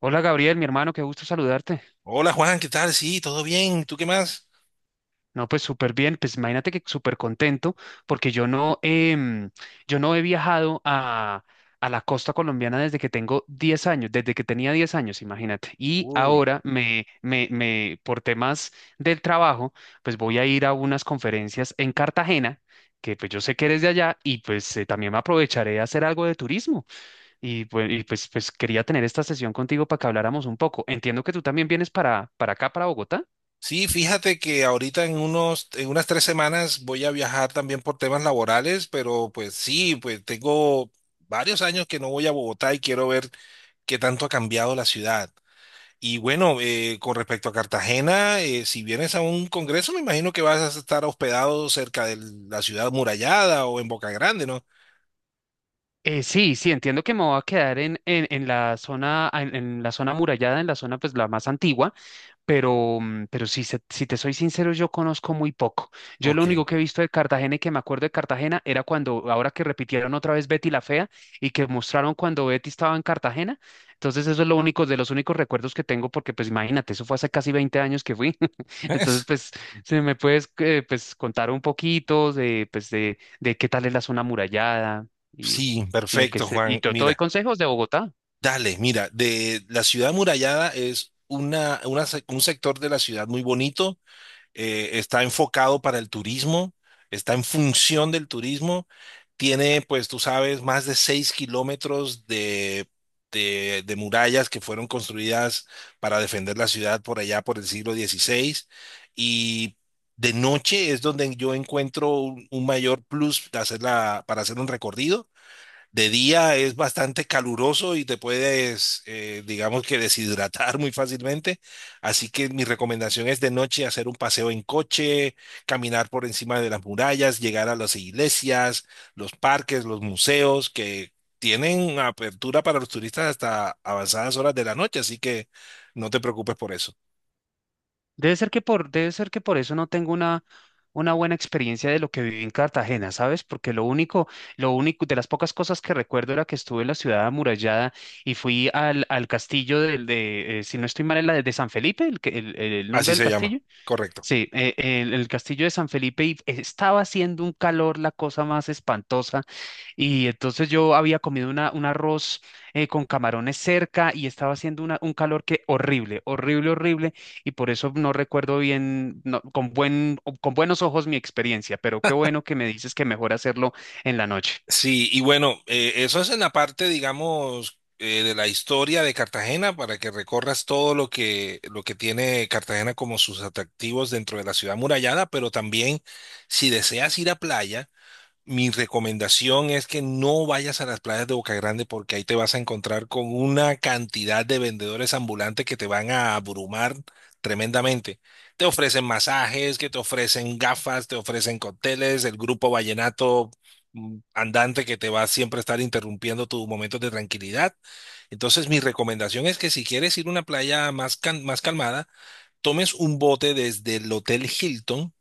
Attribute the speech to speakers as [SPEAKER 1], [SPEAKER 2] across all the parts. [SPEAKER 1] Hola Gabriel, mi hermano, qué gusto saludarte.
[SPEAKER 2] Hola Juan, ¿qué tal? Sí, todo bien. ¿Tú qué más?
[SPEAKER 1] No, pues súper bien, pues imagínate que súper contento porque yo no, yo no he viajado a la costa colombiana desde que tengo 10 años, desde que tenía 10 años, imagínate. Y
[SPEAKER 2] Uy.
[SPEAKER 1] ahora me, por temas del trabajo, pues voy a ir a unas conferencias en Cartagena, que pues yo sé que eres de allá y pues también me aprovecharé a hacer algo de turismo. Y pues quería tener esta sesión contigo para que habláramos un poco. Entiendo que tú también vienes para acá, para Bogotá.
[SPEAKER 2] Sí, fíjate que ahorita en unas tres semanas voy a viajar también por temas laborales, pero pues sí, pues tengo varios años que no voy a Bogotá y quiero ver qué tanto ha cambiado la ciudad. Y bueno, con respecto a Cartagena, si vienes a un congreso, me imagino que vas a estar hospedado cerca de la ciudad murallada o en Boca Grande, ¿no?
[SPEAKER 1] Sí, sí, entiendo que me voy a quedar en la zona, en la zona amurallada, en la zona pues la más antigua, pero, mm, pero si te soy sincero, yo conozco muy poco. Yo lo
[SPEAKER 2] Ok.
[SPEAKER 1] único que he visto de Cartagena y que me acuerdo de Cartagena era cuando, ahora que repitieron otra vez Betty la Fea y que mostraron cuando Betty estaba en Cartagena. Entonces eso es lo único, de los únicos recuerdos que tengo, porque pues imagínate, eso fue hace casi 20 años que fui. Entonces pues, si me puedes pues, contar un poquito de, pues, de qué tal es la zona amurallada y,
[SPEAKER 2] Sí,
[SPEAKER 1] y lo que
[SPEAKER 2] perfecto,
[SPEAKER 1] se, y
[SPEAKER 2] Juan.
[SPEAKER 1] te doy
[SPEAKER 2] Mira.
[SPEAKER 1] consejos de Bogotá.
[SPEAKER 2] Dale, mira, de la ciudad amurallada es un sector de la ciudad muy bonito, está enfocado para el turismo, está en función del turismo, tiene, pues tú sabes, más de seis kilómetros de murallas que fueron construidas para defender la ciudad por allá por el siglo XVI. Y de noche es donde yo encuentro un mayor plus de para hacer un recorrido. De día es bastante caluroso y te puedes, digamos que deshidratar muy fácilmente. Así que mi recomendación es de noche hacer un paseo en coche, caminar por encima de las murallas, llegar a las iglesias, los parques, los museos, que tienen apertura para los turistas hasta avanzadas horas de la noche. Así que no te preocupes por eso.
[SPEAKER 1] Debe ser que por, debe ser que por eso no tengo una buena experiencia de lo que viví en Cartagena, ¿sabes? Porque lo único, de las pocas cosas que recuerdo era que estuve en la ciudad amurallada y fui al, al castillo del de, si no estoy mal, es la de San Felipe, el, que- el
[SPEAKER 2] Así
[SPEAKER 1] nombre del
[SPEAKER 2] se llama,
[SPEAKER 1] castillo.
[SPEAKER 2] correcto.
[SPEAKER 1] Sí, el castillo de San Felipe y estaba haciendo un calor, la cosa más espantosa. Y entonces yo había comido una, un arroz con camarones cerca y estaba haciendo una- un calor que horrible, horrible, horrible. Y por eso no recuerdo bien, no- con buen, con buenos ojos mi experiencia, pero qué bueno que me dices que mejor hacerlo en la noche.
[SPEAKER 2] Sí, y bueno, eso es en la parte, digamos, de la historia de Cartagena para que recorras todo lo que tiene Cartagena como sus atractivos dentro de la ciudad murallada, pero también si deseas ir a playa. Mi recomendación es que no vayas a las playas de Boca Grande porque ahí te vas a encontrar con una cantidad de vendedores ambulantes que te van a abrumar tremendamente. Te ofrecen masajes, que te ofrecen gafas, te ofrecen cócteles, el grupo vallenato andante que te va a siempre estar interrumpiendo tus momentos de tranquilidad. Entonces, mi recomendación es que si quieres ir a una playa más calmada, tomes un bote desde el Hotel Hilton,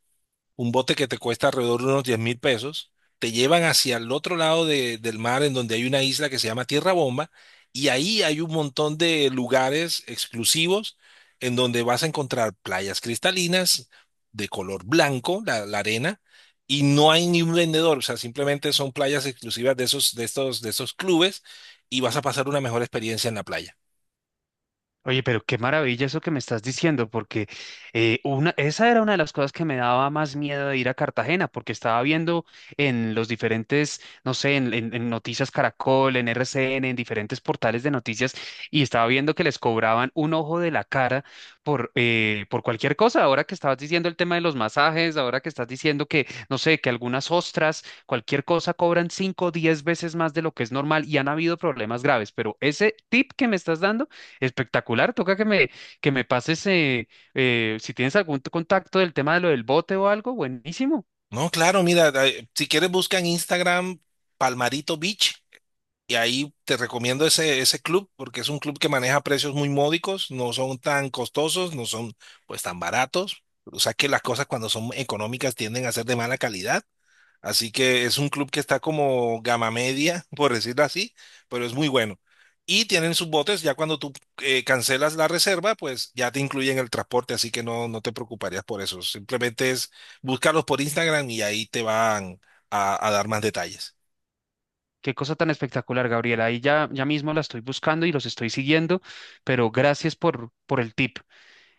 [SPEAKER 2] un bote que te cuesta alrededor de unos 10 mil pesos. Te llevan hacia el otro lado del mar, en donde hay una isla que se llama Tierra Bomba, y ahí hay un montón de lugares exclusivos en donde vas a encontrar playas cristalinas de color blanco, la arena, y no hay ni un vendedor, o sea, simplemente son playas exclusivas de esos clubes, y vas a pasar una mejor experiencia en la playa.
[SPEAKER 1] Oye, pero qué maravilla eso que me estás diciendo, porque una, esa era una de las cosas que me daba más miedo de ir a Cartagena, porque estaba viendo en los diferentes, no sé, en Noticias Caracol, en RCN, en diferentes portales de noticias, y estaba viendo que les cobraban un ojo de la cara por cualquier cosa. Ahora que estabas diciendo el tema de los masajes, ahora que estás diciendo que, no sé, que algunas ostras, cualquier cosa cobran 5 o 10 veces más de lo que es normal, y han habido problemas graves, pero ese tip que me estás dando espectacular, toca que me pases, si tienes algún t- contacto del tema de lo del bote o algo, buenísimo.
[SPEAKER 2] No, claro, mira, si quieres busca en Instagram Palmarito Beach. Y ahí te recomiendo ese club porque es un club que maneja precios muy módicos, no son tan costosos, no son pues tan baratos. O sea que las cosas cuando son económicas tienden a ser de mala calidad. Así que es un club que está como gama media, por decirlo así, pero es muy bueno. Y tienen sus botes. Ya cuando tú cancelas la reserva, pues ya te incluyen el transporte, así que no, no te preocuparías por eso. Simplemente es buscarlos por Instagram y ahí te van a dar más detalles.
[SPEAKER 1] Qué cosa tan espectacular, Gabriela. Ahí ya, ya mismo la estoy buscando y los estoy siguiendo, pero gracias por el tip.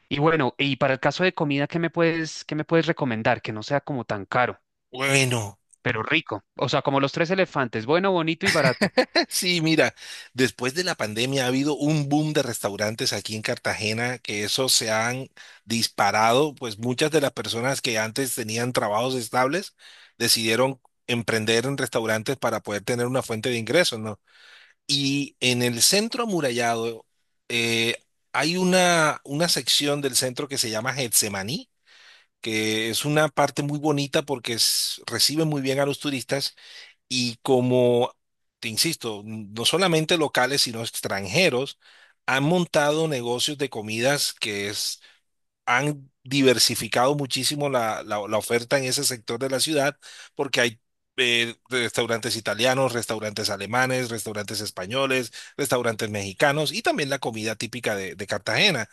[SPEAKER 1] Y bueno, y para el caso de comida, qué me puedes recomendar? Que no sea como tan caro,
[SPEAKER 2] Bueno.
[SPEAKER 1] pero rico. O sea, como los tres elefantes, bueno, bonito y barato.
[SPEAKER 2] Sí, mira, después de la pandemia ha habido un boom de restaurantes aquí en Cartagena que eso se han disparado, pues muchas de las personas que antes tenían trabajos estables decidieron emprender en restaurantes para poder tener una fuente de ingresos, ¿no? Y en el centro amurallado eh, hay una sección del centro que se llama Getsemaní, que es una parte muy bonita porque recibe muy bien a los turistas y como, te insisto, no solamente locales, sino extranjeros han montado negocios de comidas, que es, han diversificado muchísimo la oferta en ese sector de la ciudad, porque hay restaurantes italianos, restaurantes alemanes, restaurantes españoles, restaurantes mexicanos y también la comida típica de Cartagena.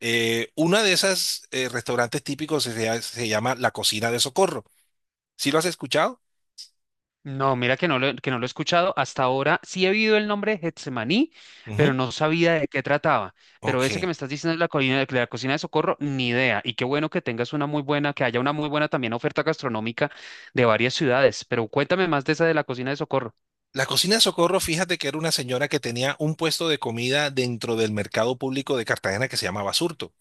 [SPEAKER 2] Una de esas restaurantes típicos se llama La Cocina de Socorro. ¿Sí lo has escuchado?
[SPEAKER 1] No, mira que no lo he escuchado hasta ahora. Sí he oído el nombre de Getsemaní, pero
[SPEAKER 2] Ujú.
[SPEAKER 1] no sabía de qué trataba. Pero ese
[SPEAKER 2] Ok.
[SPEAKER 1] que me estás diciendo de la cocina de Socorro, ni idea. Y qué bueno que tengas una muy buena, que haya una muy buena también oferta gastronómica de varias ciudades. Pero cuéntame más de esa de la cocina de Socorro.
[SPEAKER 2] La Cocina de Socorro, fíjate que era una señora que tenía un puesto de comida dentro del mercado público de Cartagena que se llamaba Surto.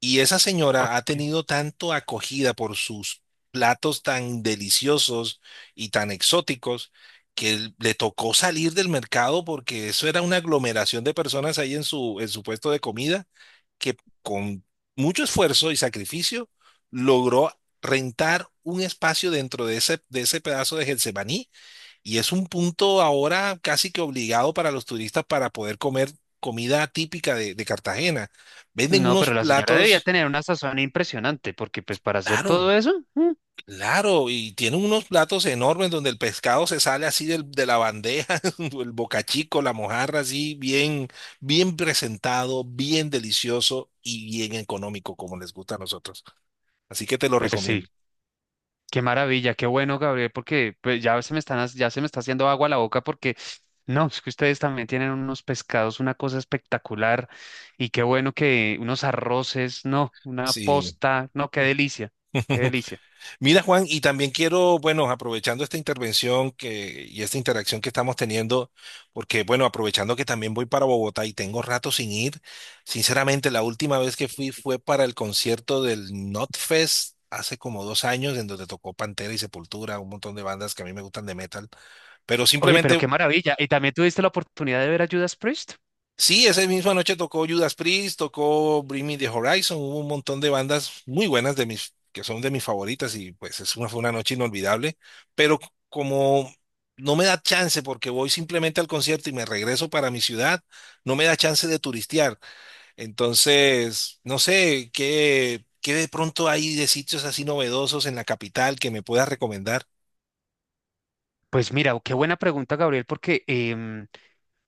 [SPEAKER 2] Y esa señora ha
[SPEAKER 1] Ok.
[SPEAKER 2] tenido tanto acogida por sus platos tan deliciosos y tan exóticos que le tocó salir del mercado porque eso era una aglomeración de personas ahí en su puesto de comida, que con mucho esfuerzo y sacrificio logró rentar un espacio dentro de ese pedazo de Getsemaní, y es un punto ahora casi que obligado para los turistas para poder comer comida típica de Cartagena. Venden
[SPEAKER 1] No,
[SPEAKER 2] unos
[SPEAKER 1] pero la señora debía
[SPEAKER 2] platos,
[SPEAKER 1] tener una sazón impresionante, porque pues para hacer todo
[SPEAKER 2] claro,
[SPEAKER 1] eso, mm,
[SPEAKER 2] claro, y tienen unos platos enormes donde el pescado se sale así de la bandeja, el bocachico, la mojarra, así bien, bien presentado, bien delicioso y bien económico, como les gusta a nosotros. Así que te lo
[SPEAKER 1] pues sí.
[SPEAKER 2] recomiendo.
[SPEAKER 1] Qué maravilla, qué bueno, Gabriel, porque pues, ya se me están, hac- ya se me está haciendo agua a la boca porque no, es que ustedes también tienen unos pescados, una cosa espectacular y qué bueno que unos arroces, no, una
[SPEAKER 2] Sí.
[SPEAKER 1] posta, no, qué delicia, qué delicia.
[SPEAKER 2] Mira, Juan, y también quiero, bueno, aprovechando esta intervención y esta interacción que estamos teniendo, porque, bueno, aprovechando que también voy para Bogotá y tengo rato sin ir, sinceramente, la última vez que fui fue para el concierto del Fest hace como dos años, en donde tocó Pantera y Sepultura, un montón de bandas que a mí me gustan de metal, pero
[SPEAKER 1] Oye, pero
[SPEAKER 2] simplemente…
[SPEAKER 1] qué maravilla. ¿Y también tuviste la oportunidad de ver a Judas Priest?
[SPEAKER 2] Sí, esa misma noche tocó Judas Priest, tocó Bring Me the Horizon, hubo un montón de bandas muy buenas de que son de mis favoritas, y pues es una, fue una noche inolvidable, pero como no me da chance porque voy simplemente al concierto y me regreso para mi ciudad, no me da chance de turistear. Entonces, no sé, ¿qué, qué de pronto hay de sitios así novedosos en la capital que me puedas recomendar?
[SPEAKER 1] Pues mira, qué buena pregunta, Gabriel, porque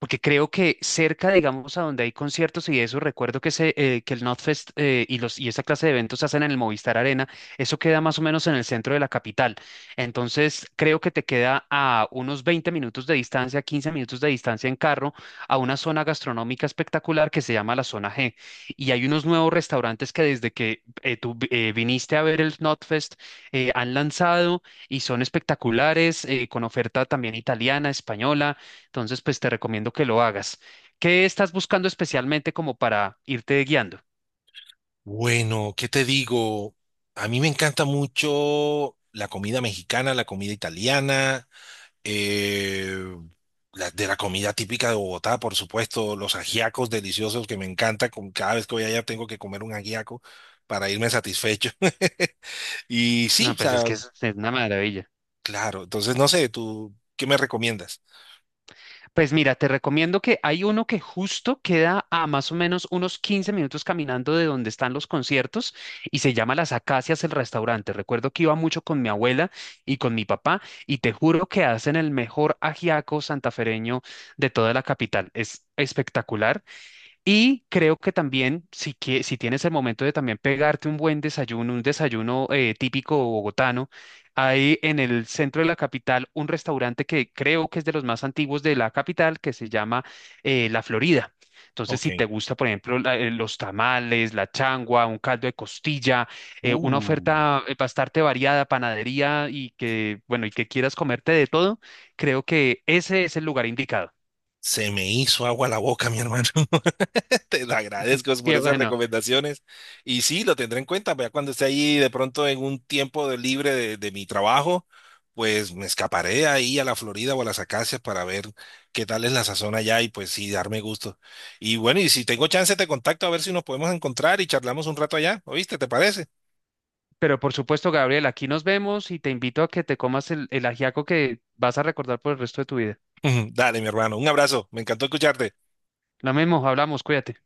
[SPEAKER 1] porque creo que cerca, digamos, a donde hay conciertos y eso, recuerdo que, se, que el NotFest y esa clase de eventos se hacen en el Movistar Arena, eso queda más o menos en el centro de la capital. Entonces, creo que te queda a unos 20 minutos de distancia, 15 minutos de distancia en carro, a una zona gastronómica espectacular que se llama la Zona G. Y hay unos nuevos restaurantes que desde que tú viniste a ver el NotFest han lanzado y son espectaculares, con oferta también italiana, española, entonces, pues te recomiendo que lo hagas. ¿Qué estás buscando especialmente como para irte guiando?
[SPEAKER 2] Bueno, ¿qué te digo? A mí me encanta mucho la comida mexicana, la comida italiana, eh, de la comida típica de Bogotá, por supuesto, los ajiacos deliciosos que me encanta. Con, cada vez que voy allá tengo que comer un ajiaco para irme satisfecho. Y sí,
[SPEAKER 1] No,
[SPEAKER 2] o
[SPEAKER 1] pues es
[SPEAKER 2] sea,
[SPEAKER 1] que es una maravilla.
[SPEAKER 2] claro. Entonces, no sé, ¿tú qué me recomiendas?
[SPEAKER 1] Pues mira, te recomiendo que hay uno que justo queda a más o menos unos 15 minutos caminando de donde están los conciertos y se llama Las Acacias el restaurante. Recuerdo que iba mucho con mi abuela y con mi papá y te juro que hacen el mejor ajiaco santafereño de toda la capital. Es espectacular. Y creo que también, si, que, si tienes el momento de también pegarte un buen desayuno, un desayuno típico bogotano, hay en el centro de la capital un restaurante que creo que es de los más antiguos de la capital, que se llama La Florida. Entonces,
[SPEAKER 2] Ok.
[SPEAKER 1] si te gusta, por ejemplo, la- los tamales, la changua, un caldo de costilla, una
[SPEAKER 2] Uh,
[SPEAKER 1] oferta bastante variada, panadería y que, bueno, y que quieras comerte de todo, creo que ese es el lugar indicado.
[SPEAKER 2] se me hizo agua la boca, mi hermano. Te lo agradezco por
[SPEAKER 1] Qué
[SPEAKER 2] esas
[SPEAKER 1] bueno.
[SPEAKER 2] recomendaciones. Y sí, lo tendré en cuenta. Ya cuando esté ahí de pronto en un tiempo de libre de mi trabajo, pues me escaparé ahí a la Florida o a las Acacias para ver qué tal es la sazón allá y pues sí, darme gusto. Y bueno, y si tengo chance te contacto a ver si nos podemos encontrar y charlamos un rato allá. ¿Oíste? ¿Te parece?
[SPEAKER 1] Pero por supuesto, Gabriel, aquí nos vemos y te invito a que te comas el ajiaco que vas a recordar por el resto de tu vida.
[SPEAKER 2] Dale, mi hermano. Un abrazo. Me encantó escucharte.
[SPEAKER 1] Lo mismo, hablamos, cuídate.